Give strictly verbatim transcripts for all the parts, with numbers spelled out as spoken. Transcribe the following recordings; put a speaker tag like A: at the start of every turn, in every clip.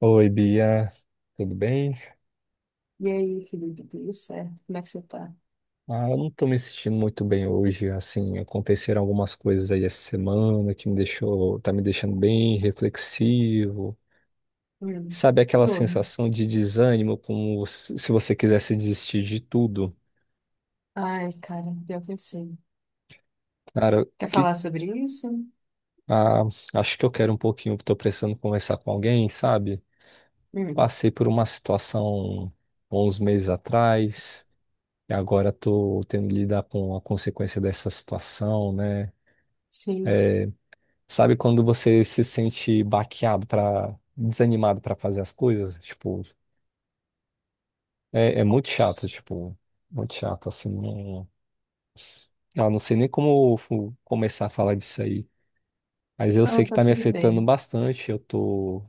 A: Oi, Bia, tudo bem?
B: E aí, Felipe, tudo certo? Como é que você tá?
A: Ah, eu não tô me sentindo muito bem hoje, assim, aconteceram algumas coisas aí essa semana que me deixou, tá me deixando bem reflexivo.
B: Hum,
A: Sabe
B: que
A: aquela
B: houve?
A: sensação de desânimo, como se se você quisesse desistir de tudo?
B: Ai, cara, pior que eu sei.
A: Cara,
B: Quer
A: que,
B: falar sobre isso?
A: ah, acho que eu quero um pouquinho, tô precisando conversar com alguém, sabe?
B: Hum,
A: Passei por uma situação uns meses atrás, e agora tô tendo que lidar com a consequência dessa situação, né?
B: sim.
A: Sabe quando você se sente baqueado para desanimado para fazer as coisas? Tipo, é, é muito chato, tipo, muito chato, assim. Não, eu não sei nem como fu- começar a falar disso aí. Mas eu
B: Não,
A: sei que
B: tá
A: tá me
B: tudo
A: afetando
B: bem.
A: bastante. Eu tô,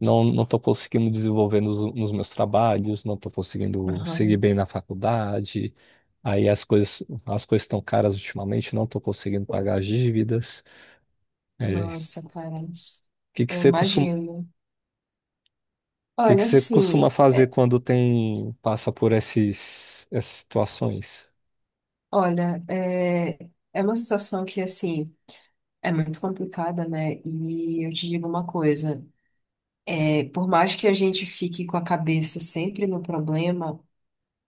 A: não, não tô conseguindo desenvolver nos, nos meus trabalhos, não tô conseguindo seguir
B: Aham.
A: bem na faculdade. Aí as coisas, as coisas estão caras ultimamente, não tô conseguindo pagar as dívidas. É,
B: Nossa, cara,
A: o que que
B: eu
A: você
B: imagino.
A: que que
B: Olha,
A: você
B: assim,
A: costuma fazer
B: é-
A: quando tem passa por esses, essas situações?
B: olha, é, é uma situação que, assim, é muito complicada, né? E eu te digo uma coisa, é, por mais que a gente fique com a cabeça sempre no problema,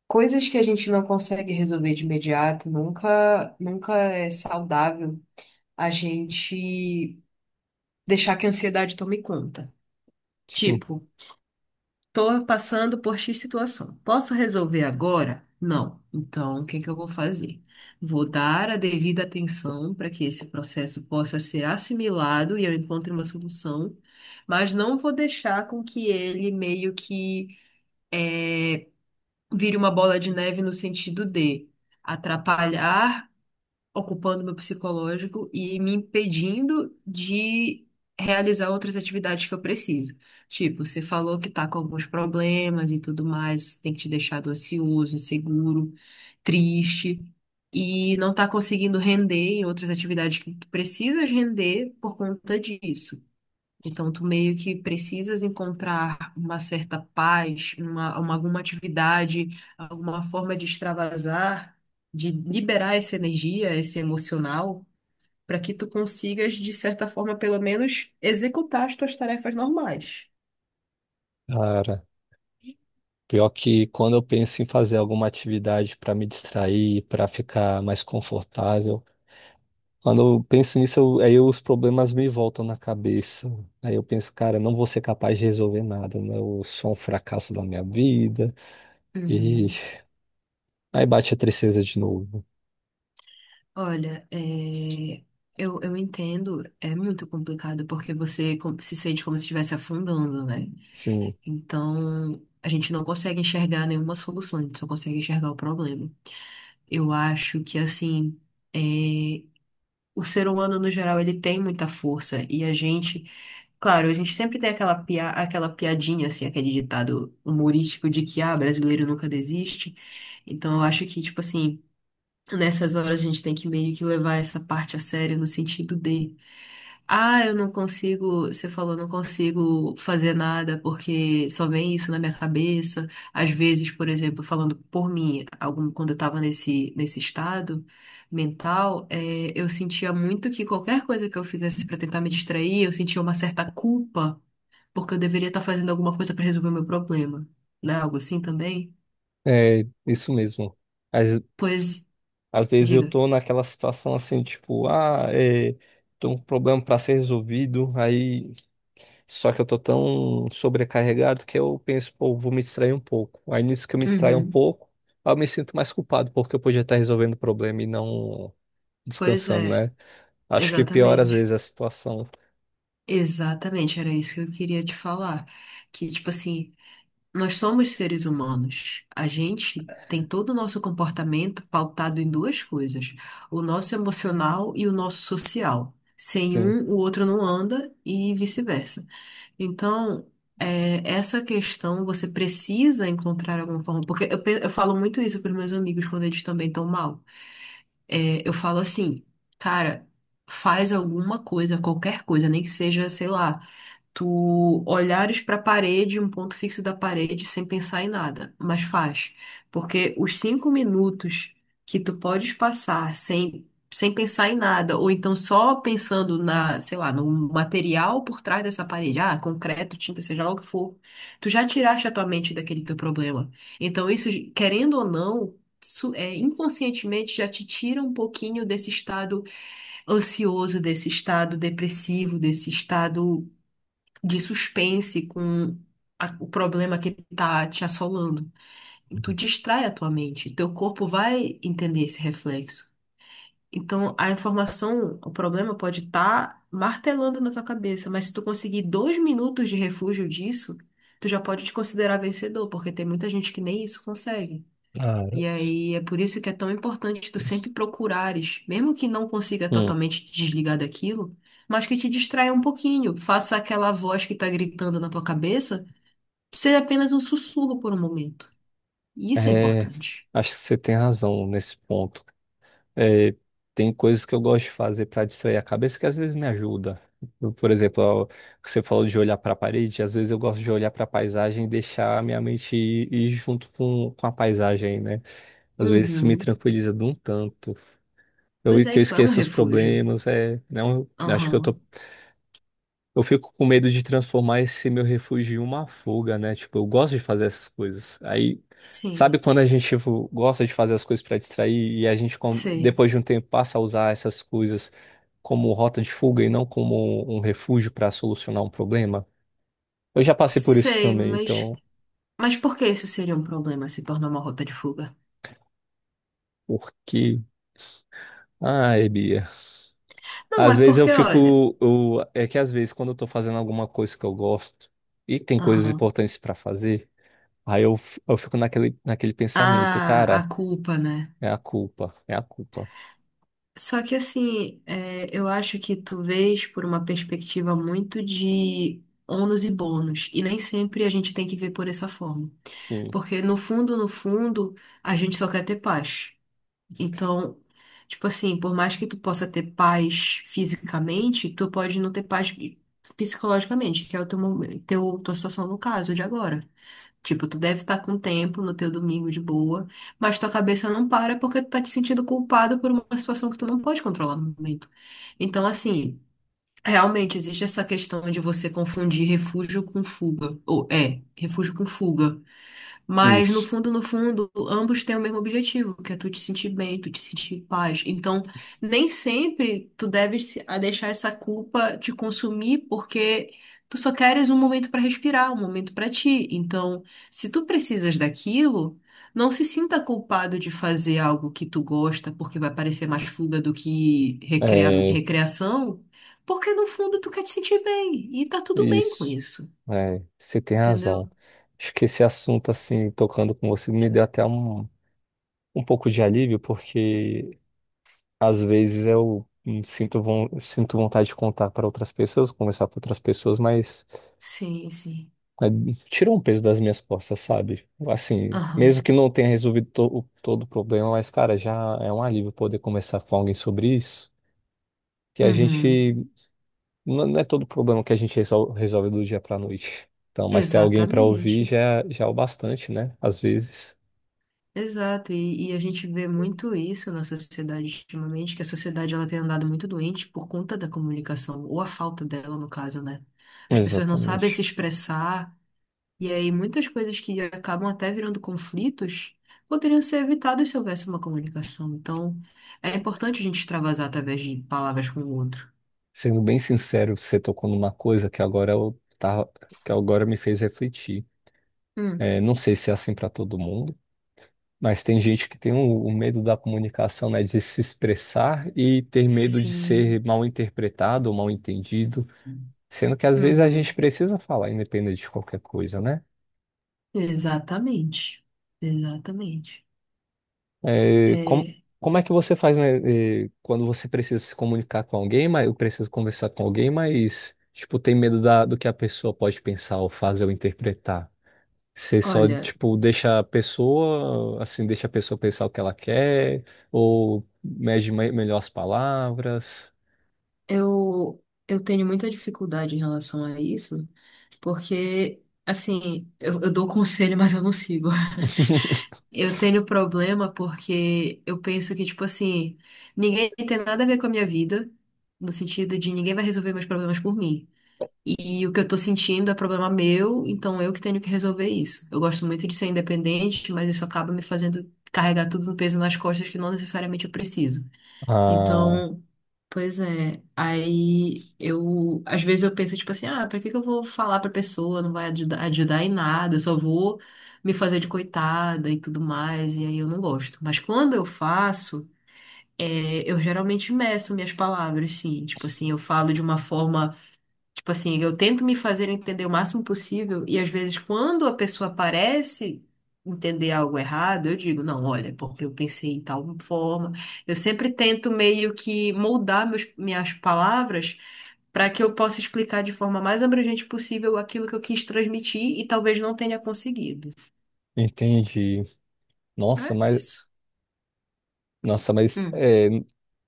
B: coisas que a gente não consegue resolver de imediato, nunca, nunca é saudável a gente deixar que a ansiedade tome conta.
A: Sim.
B: Tipo, tô passando por X situação. Posso resolver agora? Não. Então, o que que eu vou fazer? Vou dar a devida atenção para que esse processo possa ser assimilado e eu encontre uma solução, mas não vou deixar com que ele meio que eh, vire uma bola de neve no sentido de atrapalhar, ocupando meu psicológico e me impedindo de realizar outras atividades que eu preciso. Tipo, você falou que tá com alguns problemas e tudo mais, tem que te deixado ansioso, inseguro, triste. E não tá conseguindo render em outras atividades que tu precisas render por conta disso. Então, tu meio que precisas encontrar uma certa paz, uma, uma- alguma atividade, alguma forma de extravasar, de liberar essa energia, esse emocional, para que tu consigas, de certa forma, pelo menos, executar as tuas tarefas normais.
A: Cara, pior que quando eu penso em fazer alguma atividade para me distrair, para ficar mais confortável, quando eu penso nisso, eu- aí os problemas me voltam na cabeça. Aí eu penso, cara, não vou ser capaz de resolver nada, né? Eu sou um fracasso da minha vida. E
B: Uhum.
A: aí bate a tristeza de novo.
B: Olha, é, eu, eu entendo, é muito complicado porque você com- se sente como se estivesse afundando, né?
A: Sim,
B: Então, a gente não consegue enxergar nenhuma solução, a gente só consegue enxergar o problema. Eu acho que assim, é, o ser humano no geral ele tem muita força e a gente, claro, a gente sempre tem aquela pia, aquela piadinha assim, aquele ditado humorístico de que ah, brasileiro nunca desiste. Então eu acho que tipo assim, nessas horas a gente tem que meio que levar essa parte a sério no sentido de, ah, eu não consigo, você falou, não consigo fazer nada porque só vem isso na minha cabeça. Às vezes, por exemplo, falando por mim, algum, quando eu tava nesse, nesse estado mental, eh, eu sentia muito que qualquer coisa que eu fizesse pra tentar me distrair, eu sentia uma certa culpa porque eu deveria estar fazendo alguma coisa pra resolver o meu problema. Não é algo assim também?
A: é isso mesmo.
B: Pois,
A: Às vezes eu
B: diga.
A: tô naquela situação assim, tipo, ah, é, tô com um problema para ser resolvido, aí só que eu tô tão sobrecarregado que eu penso, pô, vou me distrair um pouco. Aí nisso que eu me distraio um
B: Uhum.
A: pouco, aí eu me sinto mais culpado, porque eu podia estar resolvendo o problema e não
B: Pois
A: descansando,
B: é.
A: né? Acho que piora às vezes
B: Exatamente.
A: a situação.
B: Exatamente, era isso que eu queria te falar. Que, tipo assim, nós somos seres humanos. A gente tem todo o nosso comportamento pautado em duas coisas: o nosso emocional e o nosso social. Sem
A: Sim.
B: um, o outro não anda e vice-versa. Então, é, essa questão você precisa encontrar alguma forma. Porque eu, pe- eu falo muito isso para meus amigos quando eles também estão mal. É, eu falo assim, cara, faz alguma coisa, qualquer coisa, nem que seja, sei lá. Tu olhares para a parede, um ponto fixo da parede, sem pensar em nada, mas faz. Porque os cinco minutos que tu podes passar sem, sem pensar em nada, ou então só pensando na, sei lá, no material por trás dessa parede, ah, concreto, tinta, seja lá o que for, tu já tiraste a tua mente daquele teu problema. Então, isso, querendo ou não, su- é, inconscientemente já te tira um pouquinho desse estado ansioso, desse estado depressivo, desse estado de suspense com a- o problema que tá te assolando. E tu distrai a tua mente, teu corpo vai entender esse reflexo. Então, a informação, o problema pode estar martelando na tua cabeça, mas se tu conseguir dois minutos de refúgio disso, tu já pode te considerar vencedor, porque tem muita gente que nem isso consegue.
A: Cara,
B: E aí é por isso que é tão importante tu sempre procurares, mesmo que não consiga
A: Hum,
B: totalmente te desligar daquilo, mas que te distraia um pouquinho, faça aquela voz que tá gritando na tua cabeça ser apenas um sussurro por um momento. E isso é
A: é,
B: importante.
A: acho que você tem razão nesse ponto. É, tem coisas que eu gosto de fazer para distrair a cabeça que às vezes me ajuda. Eu, Por exemplo, ó, você falou de olhar para a parede, às vezes eu gosto de olhar para a paisagem e deixar a minha mente ir, ir junto com, com a paisagem, né? Às vezes isso me
B: Uhum.
A: tranquiliza de um tanto. Eu,
B: Pois é,
A: que eu
B: isso é um
A: esqueço os
B: refúgio.
A: problemas, é, não, acho que eu tô
B: Aham.
A: eu fico com medo de transformar esse meu refúgio em uma fuga, né? Tipo, eu gosto de fazer essas coisas. Aí, sabe
B: Sim,
A: quando a gente, tipo, gosta de fazer as coisas para distrair e a gente, com-
B: sei.
A: depois de um tempo, passa a usar essas coisas como rota de fuga e não como um refúgio para solucionar um problema? Eu já passei por isso
B: Sei,
A: também,
B: mas.
A: então,
B: Mas por que isso seria um problema se tornar uma rota de fuga?
A: por porque. Ai, Bia.
B: Não,
A: Às
B: é
A: vezes eu
B: porque, olha.
A: fico. Eu- É que às vezes, quando eu tô fazendo alguma coisa que eu gosto e tem coisas
B: Aham.
A: importantes para fazer. Aí eu, f- eu fico naquele, naquele pensamento,
B: Ah,
A: cara,
B: a culpa, né?
A: é a culpa, é a culpa.
B: Só que assim, é, eu acho que tu vês por uma perspectiva muito de ônus e bônus, e nem sempre a gente tem que ver por essa forma.
A: Sim,
B: Porque no fundo, no fundo, a gente só quer ter paz. Então, tipo assim, por mais que tu possa ter paz fisicamente, tu pode não ter paz psicologicamente, que é o teu, momen- teu, tua situação no caso de agora. Tipo, tu deve estar com tempo no teu domingo de boa, mas tua cabeça não para porque tu tá te sentindo culpado por uma situação que tu não pode controlar no momento. Então, assim, realmente existe essa questão de você confundir refúgio com fuga. Ou é, refúgio com fuga. Mas no
A: isso,
B: fundo, no fundo, ambos têm o mesmo objetivo, que é tu te sentir bem, tu te sentir em paz. Então, nem sempre tu deves se- a deixar essa culpa te consumir, porque tu só queres um momento para respirar, um momento para ti. Então, se tu precisas daquilo, não se sinta culpado de fazer algo que tu gosta, porque vai parecer mais fuga do que recrea-
A: é,
B: recreação, porque no fundo tu quer te sentir bem, e tá tudo bem com
A: isso,
B: isso,
A: é, você tem razão.
B: entendeu?
A: Acho que esse assunto, assim, tocando com você, me deu até um, um pouco de alívio, porque às vezes eu hum, sinto, von- sinto vontade de contar para outras pessoas, conversar com outras pessoas, mas
B: Sim, sim.
A: é, tira um peso das minhas costas, sabe? Assim, mesmo que
B: Aham.
A: não tenha resolvido to- o- todo o problema, mas, cara, já é um alívio poder conversar com alguém sobre isso, que a
B: Uhum,
A: gente. Não, não é todo problema que a gente resol- resolve do dia pra noite. Então, mas ter alguém pra ouvir
B: exatamente,
A: já, é, já é o bastante, né? Às vezes.
B: exato, e, e a gente vê muito isso na sociedade ultimamente, que a sociedade ela tem andado muito doente por conta da comunicação, ou a falta dela no caso, né? As pessoas não sabem se
A: Exatamente.
B: expressar, e aí muitas coisas que acabam até virando conflitos poderiam ser evitadas se houvesse uma comunicação, então é importante a gente extravasar através de palavras com o outro.
A: Sendo bem sincero, você tocou numa coisa que agora eu tava, que agora me fez refletir.
B: Hum,
A: É, não sei se é assim pra todo mundo, mas tem gente que tem o, o medo da comunicação, né? De se expressar e ter medo de
B: sim.
A: ser mal interpretado ou mal entendido. Sendo que às vezes a gente
B: Uhum.
A: precisa falar, independente de qualquer coisa, né?
B: Exatamente. Exatamente.
A: É, como,
B: É,
A: como é que você faz, né, é, quando você precisa se comunicar com alguém, mas eu preciso conversar com alguém, mas, tipo, tem medo da, do que a pessoa pode pensar ou fazer ou interpretar? Você só,
B: olha,
A: tipo, deixa a pessoa, assim, deixa a pessoa pensar o que ela quer, ou mede me- melhor as palavras?
B: eu, eu tenho muita dificuldade em relação a isso, porque, assim, eu, eu dou conselho, mas eu não sigo. Eu tenho problema porque eu penso que, tipo assim, ninguém tem nada a ver com a minha vida, no sentido de ninguém vai resolver meus problemas por mim. E o que eu tô sentindo é problema meu, então eu que tenho que resolver isso. Eu gosto muito de ser independente, mas isso acaba me fazendo carregar tudo no peso nas costas que não necessariamente eu preciso.
A: Ah,
B: Então, pois é, aí eu, às vezes eu penso, tipo assim, ah, pra que que eu vou falar pra pessoa, não vai ajudar, ajudar em nada, eu só vou me fazer de coitada e tudo mais, e aí eu não gosto. Mas quando eu faço, é, eu geralmente meço minhas palavras, sim, tipo assim, eu falo de uma forma. Tipo assim, eu tento me fazer entender o máximo possível e às vezes quando a pessoa parece entender algo errado, eu digo, não, olha, porque eu pensei em tal forma. Eu sempre tento meio que moldar meus, minhas palavras para que eu possa explicar de forma mais abrangente possível aquilo que eu quis transmitir e talvez não tenha conseguido.
A: entendi.
B: É
A: Nossa, mas,
B: isso.
A: nossa, mas,
B: Hum.
A: é,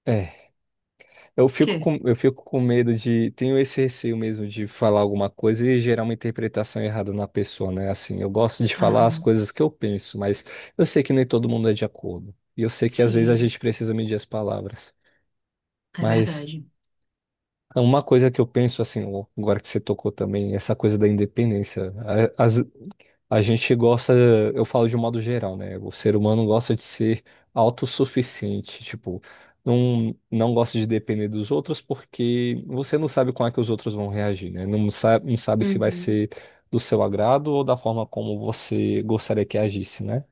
A: é. Eu fico
B: Quê?
A: com, eu fico com medo de. Tenho esse receio mesmo de falar alguma coisa e gerar uma interpretação errada na pessoa, né? Assim, eu gosto de falar as
B: Aham.
A: coisas que eu penso, mas eu sei que nem todo mundo é de acordo. E eu sei que às vezes a
B: Sim,
A: gente precisa medir as palavras.
B: é
A: Mas
B: verdade.
A: uma coisa que eu penso, assim, ó, agora que você tocou também, essa coisa da independência. A- Às, a gente gosta, eu falo de um modo geral, né? O ser humano gosta de ser autossuficiente, tipo, não, não gosta de depender dos outros porque você não sabe como é que os outros vão reagir, né? Não sabe, não sabe se vai
B: Uhum.
A: ser do seu agrado ou da forma como você gostaria que agisse, né?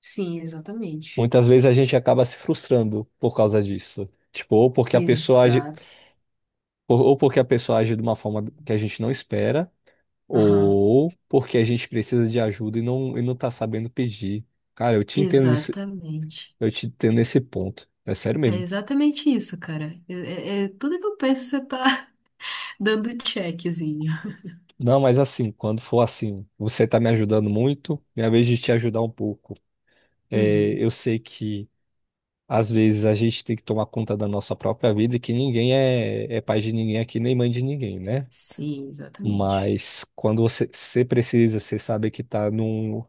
B: Sim, exatamente.
A: Muitas vezes a gente acaba se frustrando por causa disso. Tipo, ou porque a pessoa age,
B: Exato.
A: ou ou porque a pessoa age de uma forma que a gente não espera
B: Aham.
A: ou porque a gente precisa de ajuda e não, e não tá sabendo pedir. Cara, eu te entendo nisso,
B: Exatamente.
A: eu te entendo nesse ponto. É sério
B: É
A: mesmo.
B: exatamente isso, cara. É, é- é tudo que eu penso, você tá dando checkzinho.
A: Não, mas assim, quando for assim, você tá me ajudando muito, minha vez de te ajudar um pouco. É,
B: Uhum.
A: eu sei que às vezes a gente tem que tomar conta da nossa própria vida e que ninguém é, é pai de ninguém aqui, nem mãe de ninguém, né?
B: Sim, exatamente.
A: Mas quando você, você precisa, você sabe que tá num,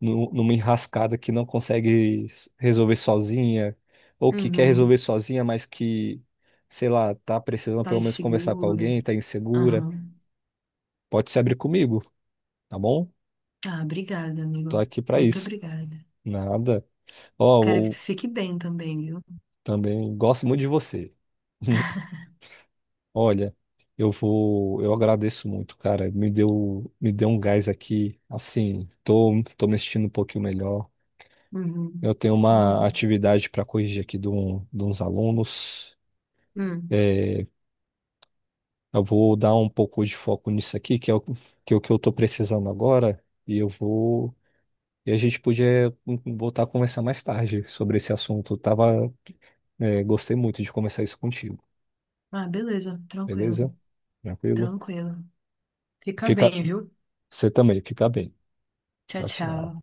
A: num- numa enrascada que não consegue s- resolver sozinha, ou que quer
B: Uhum.
A: resolver sozinha, mas que, sei lá, tá precisando pelo
B: Tá
A: menos conversar com
B: seguro.
A: alguém, tá insegura,
B: Aham.
A: pode se abrir comigo, tá bom?
B: Ah, obrigada,
A: Tô
B: amigo.
A: aqui pra
B: Muito
A: isso.
B: obrigada.
A: Nada. Ó,
B: Quero que tu
A: eu
B: fique bem também, viu?
A: também gosto muito de você. Olha, eu vou, eu agradeço muito, cara. Me deu, me deu um gás aqui. Assim, tô, tô me sentindo um pouquinho melhor.
B: Uhum.
A: Eu tenho
B: Que bom.
A: uma atividade para corrigir aqui de, um, de uns alunos.
B: Hum.
A: Eu vou dar um pouco de foco nisso aqui, que é o que, é o que eu estou precisando agora. E eu vou. E a gente podia hum, voltar a conversar mais tarde sobre esse assunto. Eu Tava, é, gostei muito de conversar isso contigo,
B: Ah, beleza. Tranquilo.
A: beleza? Tranquilo?
B: Tranquilo. Fica
A: Fica,
B: bem, viu?
A: você também, fica bem.
B: Tchau,
A: Tchau, tchau.
B: tchau.